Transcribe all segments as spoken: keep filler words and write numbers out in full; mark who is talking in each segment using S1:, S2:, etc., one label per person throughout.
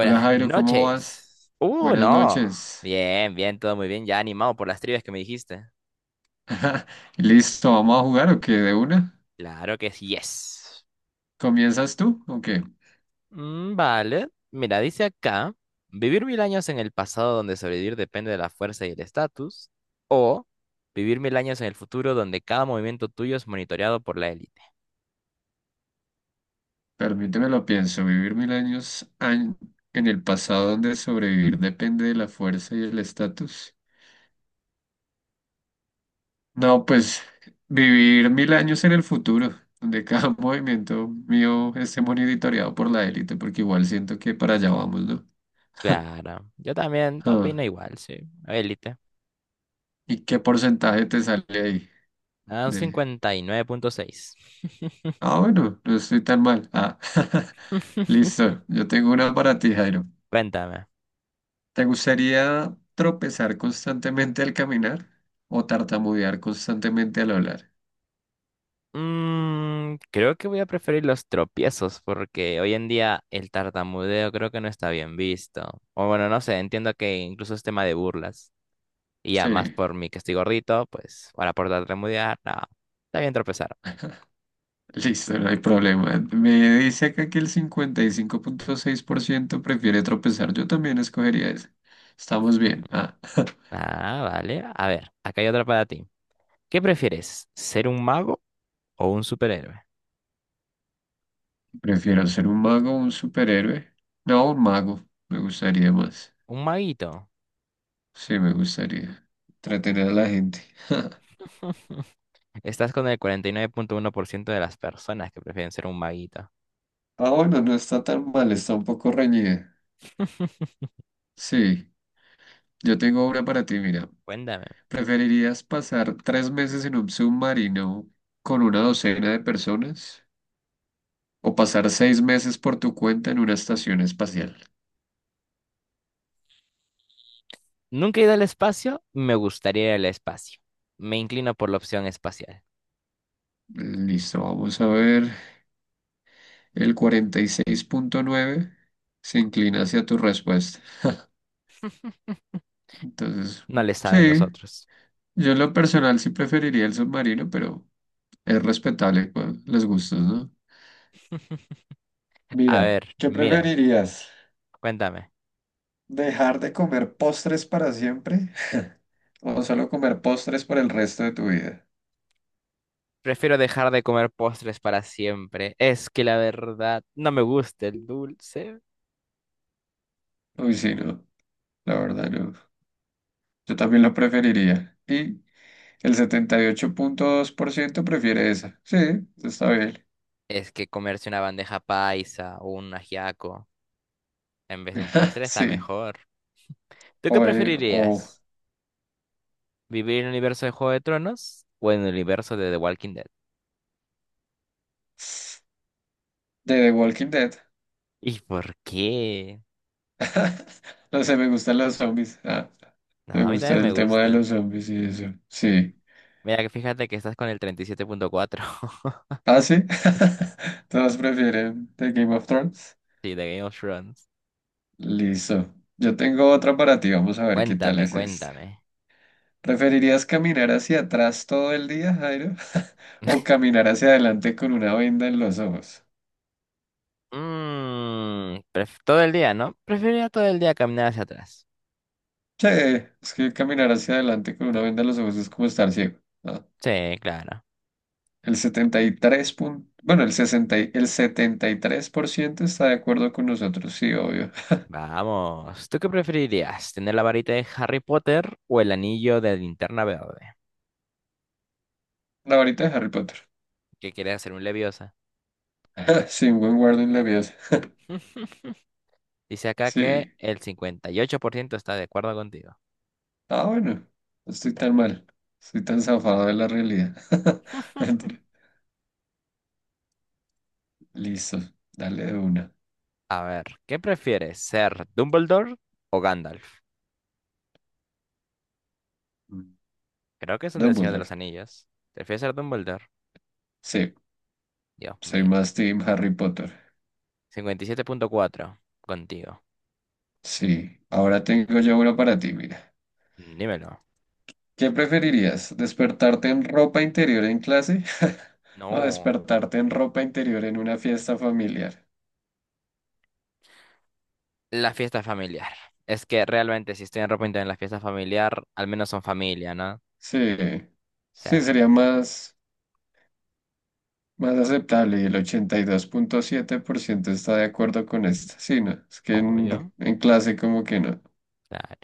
S1: Hola Jairo, ¿cómo vas?
S2: noches. Uh,
S1: Buenas
S2: no.
S1: noches.
S2: Bien, bien, todo muy bien. Ya animado por las trivias que me dijiste.
S1: Listo, ¿vamos a jugar o qué? ¿De una?
S2: Claro que sí, yes.
S1: ¿Comienzas tú o qué?
S2: Mm, vale. Mira, dice acá, vivir mil años en el pasado donde sobrevivir depende de la fuerza y el estatus, o vivir mil años en el futuro donde cada movimiento tuyo es monitoreado por la élite.
S1: Permíteme lo pienso, vivir mil años an- en el pasado donde sobrevivir depende de la fuerza y el estatus. No, pues vivir mil años en el futuro, donde cada movimiento mío esté monitoreado por la élite, porque igual siento que para allá vamos, ¿no?
S2: Claro, yo también opino
S1: Ah,
S2: igual, sí. Élite.
S1: ¿y qué porcentaje te sale ahí?
S2: Ah, un
S1: De...
S2: cincuenta y nueve punto seis.
S1: Ah, bueno, no estoy tan mal. Ah. Listo, yo tengo una para ti, Jairo.
S2: Cuéntame.
S1: ¿Te gustaría tropezar constantemente al caminar o tartamudear constantemente al hablar?
S2: Mm, creo que voy a preferir los tropiezos porque hoy en día el tartamudeo creo que no está bien visto. O bueno, no sé, entiendo que incluso es tema de burlas. Y ya
S1: Sí,
S2: más por mí que estoy gordito, pues ahora por tartamudear, no, está bien tropezar.
S1: listo, no hay problema. Me dice acá que el cincuenta y cinco punto seis por ciento prefiere tropezar. Yo también escogería ese. Estamos bien. Ah,
S2: Ah, vale. A ver, acá hay otra para ti. ¿Qué prefieres, ser un mago o un superhéroe?
S1: prefiero ser un mago o un superhéroe. No, un mago. Me gustaría más.
S2: Un maguito.
S1: Sí, me gustaría. Entretener a la gente.
S2: Estás con el cuarenta y nueve punto uno por ciento de las personas que prefieren ser un maguito.
S1: Ah, bueno, no está tan mal, está un poco reñida. Sí. Yo tengo una para ti, mira.
S2: Cuéntame.
S1: ¿Preferirías pasar tres meses en un submarino con una docena de personas o pasar seis meses por tu cuenta en una estación espacial?
S2: Nunca he ido al espacio, me gustaría ir al espacio. Me inclino por la opción espacial.
S1: Listo, vamos a ver. El cuarenta y seis punto nueve se inclina hacia tu respuesta. Entonces,
S2: No le saben los
S1: sí,
S2: otros.
S1: yo en lo personal sí preferiría el submarino, pero es respetable pues, los gustos, ¿no?
S2: A
S1: Mira,
S2: ver,
S1: ¿qué
S2: mira,
S1: preferirías?
S2: cuéntame.
S1: ¿Dejar de comer postres para siempre? O solo comer postres por el resto de tu vida.
S2: Prefiero dejar de comer postres para siempre. Es que la verdad no me gusta el dulce.
S1: Uy, sí, no, la verdad no. Yo también lo preferiría. Y el setenta y ocho punto dos por ciento prefiere esa. Sí, está bien.
S2: Es que comerse una bandeja paisa o un ajiaco en vez de un postre está
S1: Sí.
S2: mejor. ¿Tú qué
S1: O, eh, o
S2: preferirías? ¿Vivir en el universo de Juego de Tronos o en el universo de The Walking Dead?
S1: de The Walking Dead.
S2: ¿Y por qué?
S1: No sé, me gustan los zombies. Ah,
S2: No,
S1: me
S2: a mí
S1: gusta
S2: también me
S1: el tema de los
S2: gustan.
S1: zombies y eso. Sí.
S2: Mira, que fíjate que estás con el treinta y siete punto cuatro.
S1: Ah, sí. Todos prefieren The Game of Thrones.
S2: Sí, de Game of Thrones.
S1: Listo. Yo tengo otra para ti. Vamos a ver qué tal
S2: Cuéntame,
S1: es esta.
S2: cuéntame.
S1: ¿Preferirías caminar hacia atrás todo el día, Jairo? ¿O caminar hacia adelante con una venda en los ojos?
S2: Mm, Todo el día, ¿no? Preferiría todo el día caminar hacia atrás.
S1: Che, es que caminar hacia adelante con una venda en los ojos es como estar ciego, ¿no?
S2: Sí, claro.
S1: El setenta y tres punto, bueno, el sesenta y- el setenta y tres por ciento está de acuerdo con nosotros, sí, obvio.
S2: Vamos. ¿Tú qué preferirías? ¿Tener la varita de Harry Potter o el anillo de linterna verde?
S1: La varita de Harry Potter.
S2: ¿Qué quieres hacer un Leviosa?
S1: Sin buen guardo en la vida.
S2: Dice acá que
S1: Sí.
S2: el cincuenta y ocho por ciento está de acuerdo contigo.
S1: Ah, bueno, no estoy tan mal. Estoy tan zafado de la realidad. Mentira. Listo, dale de una.
S2: A ver, ¿qué prefieres? ¿Ser Dumbledore o Gandalf?
S1: Mm.
S2: Creo que es un del Señor de los
S1: Dumbledore.
S2: Anillos. ¿Prefieres ser Dumbledore?
S1: Sí.
S2: Dios
S1: Soy
S2: mío.
S1: más team Harry Potter.
S2: Cincuenta y siete punto cuatro contigo.
S1: Sí, ahora tengo yo uno para ti, mira.
S2: Mm, Dímelo.
S1: ¿Qué preferirías? ¿Despertarte en ropa interior en clase o
S2: No.
S1: despertarte en ropa interior en una fiesta familiar?
S2: La fiesta familiar. Es que realmente si estoy en ropa interior en la fiesta familiar, al menos son familia, ¿no? O
S1: Sí, sí,
S2: sea,
S1: sería más, más aceptable y el ochenta y dos punto siete por ciento está de acuerdo con esto. Sí, no, es que en,
S2: obvio.
S1: en clase como que no.
S2: Claro.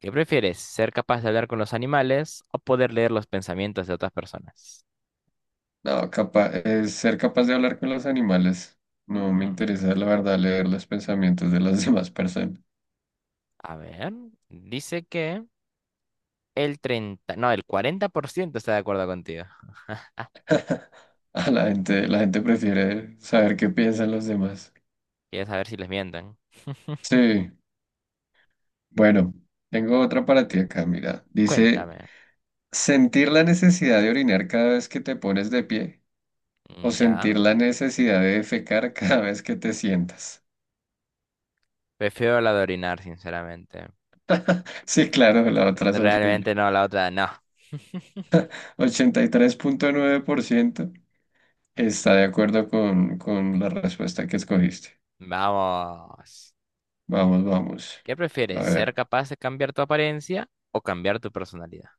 S2: ¿Qué prefieres? ¿Ser capaz de hablar con los animales o poder leer los pensamientos de otras personas?
S1: No, capa- eh, ser capaz de hablar con los animales. No me
S2: Mm,
S1: interesa, la verdad, leer los pensamientos de las demás personas.
S2: a ver. Dice que el treinta, no, el cuarenta por ciento está de acuerdo contigo.
S1: La gente, la gente prefiere saber qué piensan los demás.
S2: Quieres saber si les mientan.
S1: Sí, bueno, tengo otra para ti acá, mira. Dice,
S2: Cuéntame.
S1: sentir la necesidad de orinar cada vez que te pones de pie o
S2: Mm, ya.
S1: sentir la necesidad de defecar cada vez que te sientas.
S2: Prefiero la de orinar, sinceramente.
S1: Sí, claro, la otra es
S2: Realmente
S1: horrible.
S2: no, la otra no.
S1: Ochenta y tres punto nueve por ciento está de acuerdo con, con la respuesta que escogiste.
S2: Vamos.
S1: Vamos, vamos.
S2: ¿Qué
S1: A
S2: prefieres? ¿Ser
S1: ver.
S2: capaz de cambiar tu apariencia o cambiar tu personalidad?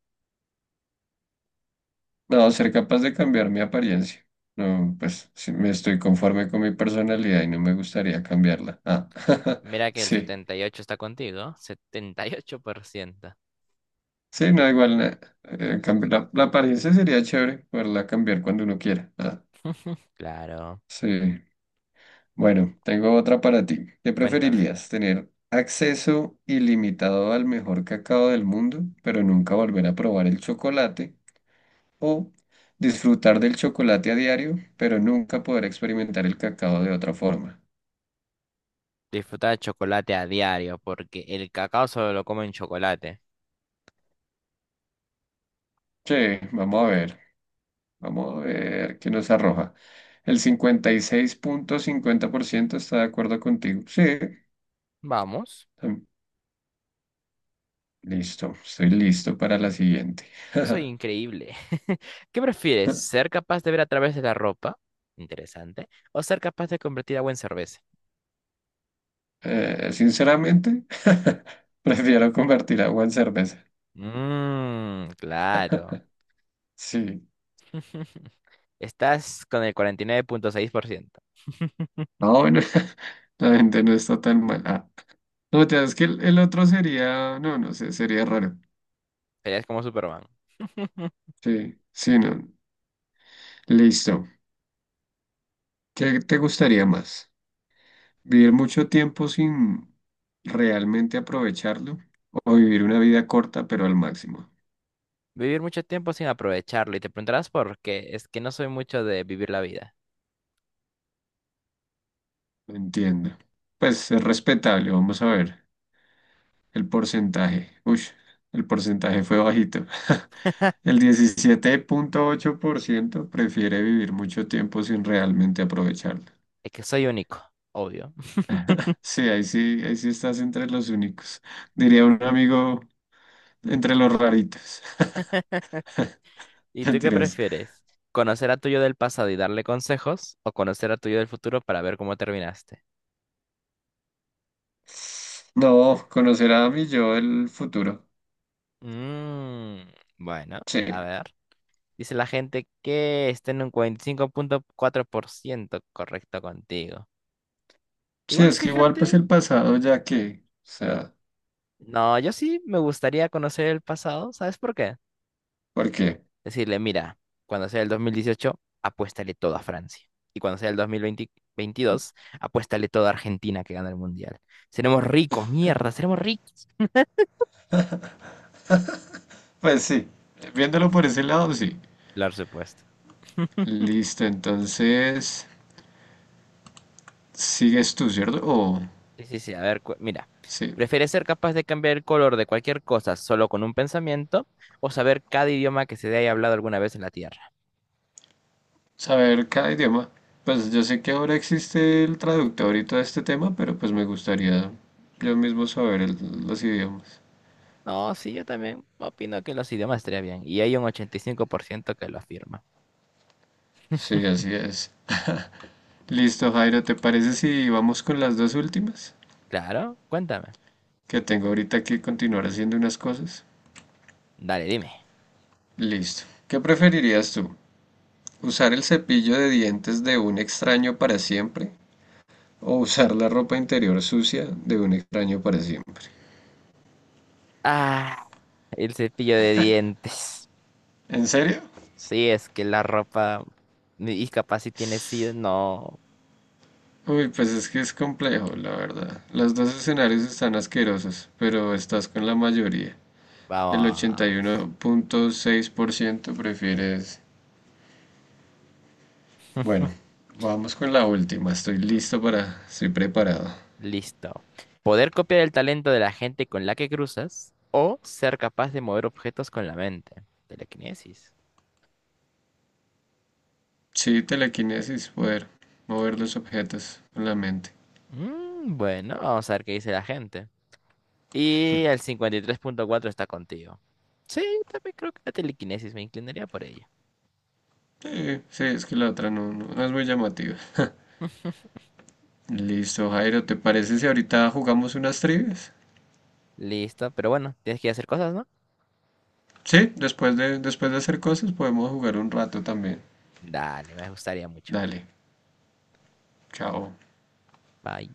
S1: No, ser capaz de cambiar mi apariencia. No, pues sí, me estoy conforme con mi personalidad y no me gustaría cambiarla. Ah,
S2: Mira que el
S1: sí.
S2: setenta y ocho está contigo. Setenta y ocho por ciento.
S1: Sí, no, igual na- eh, cambi- la, la apariencia sería chévere poderla cambiar cuando uno quiera. Ah,
S2: Claro.
S1: sí. Bueno, tengo otra para ti. ¿Qué
S2: Cuéntame.
S1: preferirías? ¿Tener acceso ilimitado al mejor cacao del mundo, pero nunca volver a probar el chocolate? ¿O disfrutar del chocolate a diario, pero nunca poder experimentar el cacao de otra forma?
S2: Disfrutar chocolate a diario porque el cacao solo lo como en chocolate.
S1: Sí, vamos a ver, vamos a ver qué nos arroja. El cincuenta cincuenta y seis punto cincuenta por ciento está de acuerdo contigo. Sí,
S2: Vamos.
S1: tam- listo, estoy listo para la siguiente.
S2: Yo soy increíble. ¿Qué prefieres? ¿Ser capaz de ver a través de la ropa? Interesante. ¿O ser capaz de convertir agua en cerveza?
S1: Eh, sinceramente, prefiero convertir agua en cerveza.
S2: Mmm, claro.
S1: Sí.
S2: Estás con el cuarenta y nueve punto seis por ciento.
S1: Ah, bueno, la gente no está tan mal. Ah, no, te das que el, el otro sería, no, no sé, sería raro.
S2: Serías como Superman.
S1: Sí, sí, no. Listo. ¿Qué te gustaría más? Vivir mucho tiempo sin realmente aprovecharlo o vivir una vida corta pero al máximo.
S2: Vivir mucho tiempo sin aprovecharlo. Y te preguntarás por qué. Es que no soy mucho de vivir la vida.
S1: Entiendo. Pues es respetable, vamos a ver. El porcentaje. Uy, el porcentaje fue bajito. El diecisiete punto ocho por ciento prefiere vivir mucho tiempo sin realmente aprovecharlo.
S2: Es que soy único, obvio.
S1: Sí, ahí sí, ahí sí estás entre los únicos. Diría un amigo entre los raritos.
S2: ¿Y tú qué
S1: Mentiras.
S2: prefieres? ¿Conocer a tuyo del pasado y darle consejos? ¿O conocer a tuyo del futuro para ver cómo terminaste?
S1: No, conocer a mi yo del futuro.
S2: Mm, bueno, a
S1: Sí.
S2: ver. Dice la gente que está en un cuarenta y cinco punto cuatro por ciento correcto contigo.
S1: Sí,
S2: Igual
S1: es que igual pues
S2: fíjate.
S1: el pasado ya que, o sea,
S2: No, yo sí me gustaría conocer el pasado. ¿Sabes por qué?
S1: porque,
S2: Decirle, mira, cuando sea el dos mil dieciocho, apuéstale todo a Francia. Y cuando sea el dos mil veintidós, apuéstale todo a Argentina que gana el Mundial. Seremos ricos, mierda, seremos ricos.
S1: pues sí, viéndolo por ese lado, sí.
S2: Claro, supuesto.
S1: Listo, entonces, sigues tú, ¿cierto? O,
S2: Sí, sí, sí, a ver, cu- mira,
S1: sí,
S2: ¿prefieres ser capaz de cambiar el color de cualquier cosa solo con un pensamiento o saber cada idioma que se haya hablado alguna vez en la Tierra?
S1: saber cada idioma. Pues yo sé que ahora existe el traductor y todo este tema, pero pues me gustaría yo mismo saber el- los idiomas.
S2: No, sí, yo también opino que los idiomas estaría bien y hay un ochenta y cinco por ciento que lo afirma.
S1: Sí, así es. Listo, Jairo, ¿te parece si vamos con las dos últimas?
S2: Claro, cuéntame.
S1: Que tengo ahorita que continuar haciendo unas cosas.
S2: Dale, dime.
S1: Listo. ¿Qué preferirías tú? ¿Usar el cepillo de dientes de un extraño para siempre? ¿O usar la ropa interior sucia de un extraño para siempre?
S2: Ah, el cepillo de dientes.
S1: ¿En serio?
S2: Sí, es que la ropa. Y capaz si tiene SIDA, no.
S1: Uy, pues es que es complejo, la verdad. Los dos escenarios están asquerosos, pero estás con la mayoría. El
S2: Vamos.
S1: ochenta y uno punto seis por ciento prefiere ese. Bueno, vamos con la última. Estoy listo para... Estoy preparado.
S2: Listo. Poder copiar el talento de la gente con la que cruzas o ser capaz de mover objetos con la mente. Telequinesis.
S1: Sí, telequinesis, poder mover los objetos con la mente.
S2: Mm, bueno, vamos a ver qué dice la gente. Y el cincuenta y tres punto cuatro está contigo. Sí, yo también creo que la telequinesis me inclinaría por ella.
S1: Sí, sí, es que la otra no, no, no es muy llamativa. Listo, Jairo, ¿te parece si ahorita jugamos unas trivias?
S2: Listo, pero bueno, tienes que ir a hacer cosas, ¿no?
S1: Sí, después de, después de hacer cosas podemos jugar un rato también.
S2: Dale, me gustaría mucho.
S1: Dale, chao.
S2: Bye.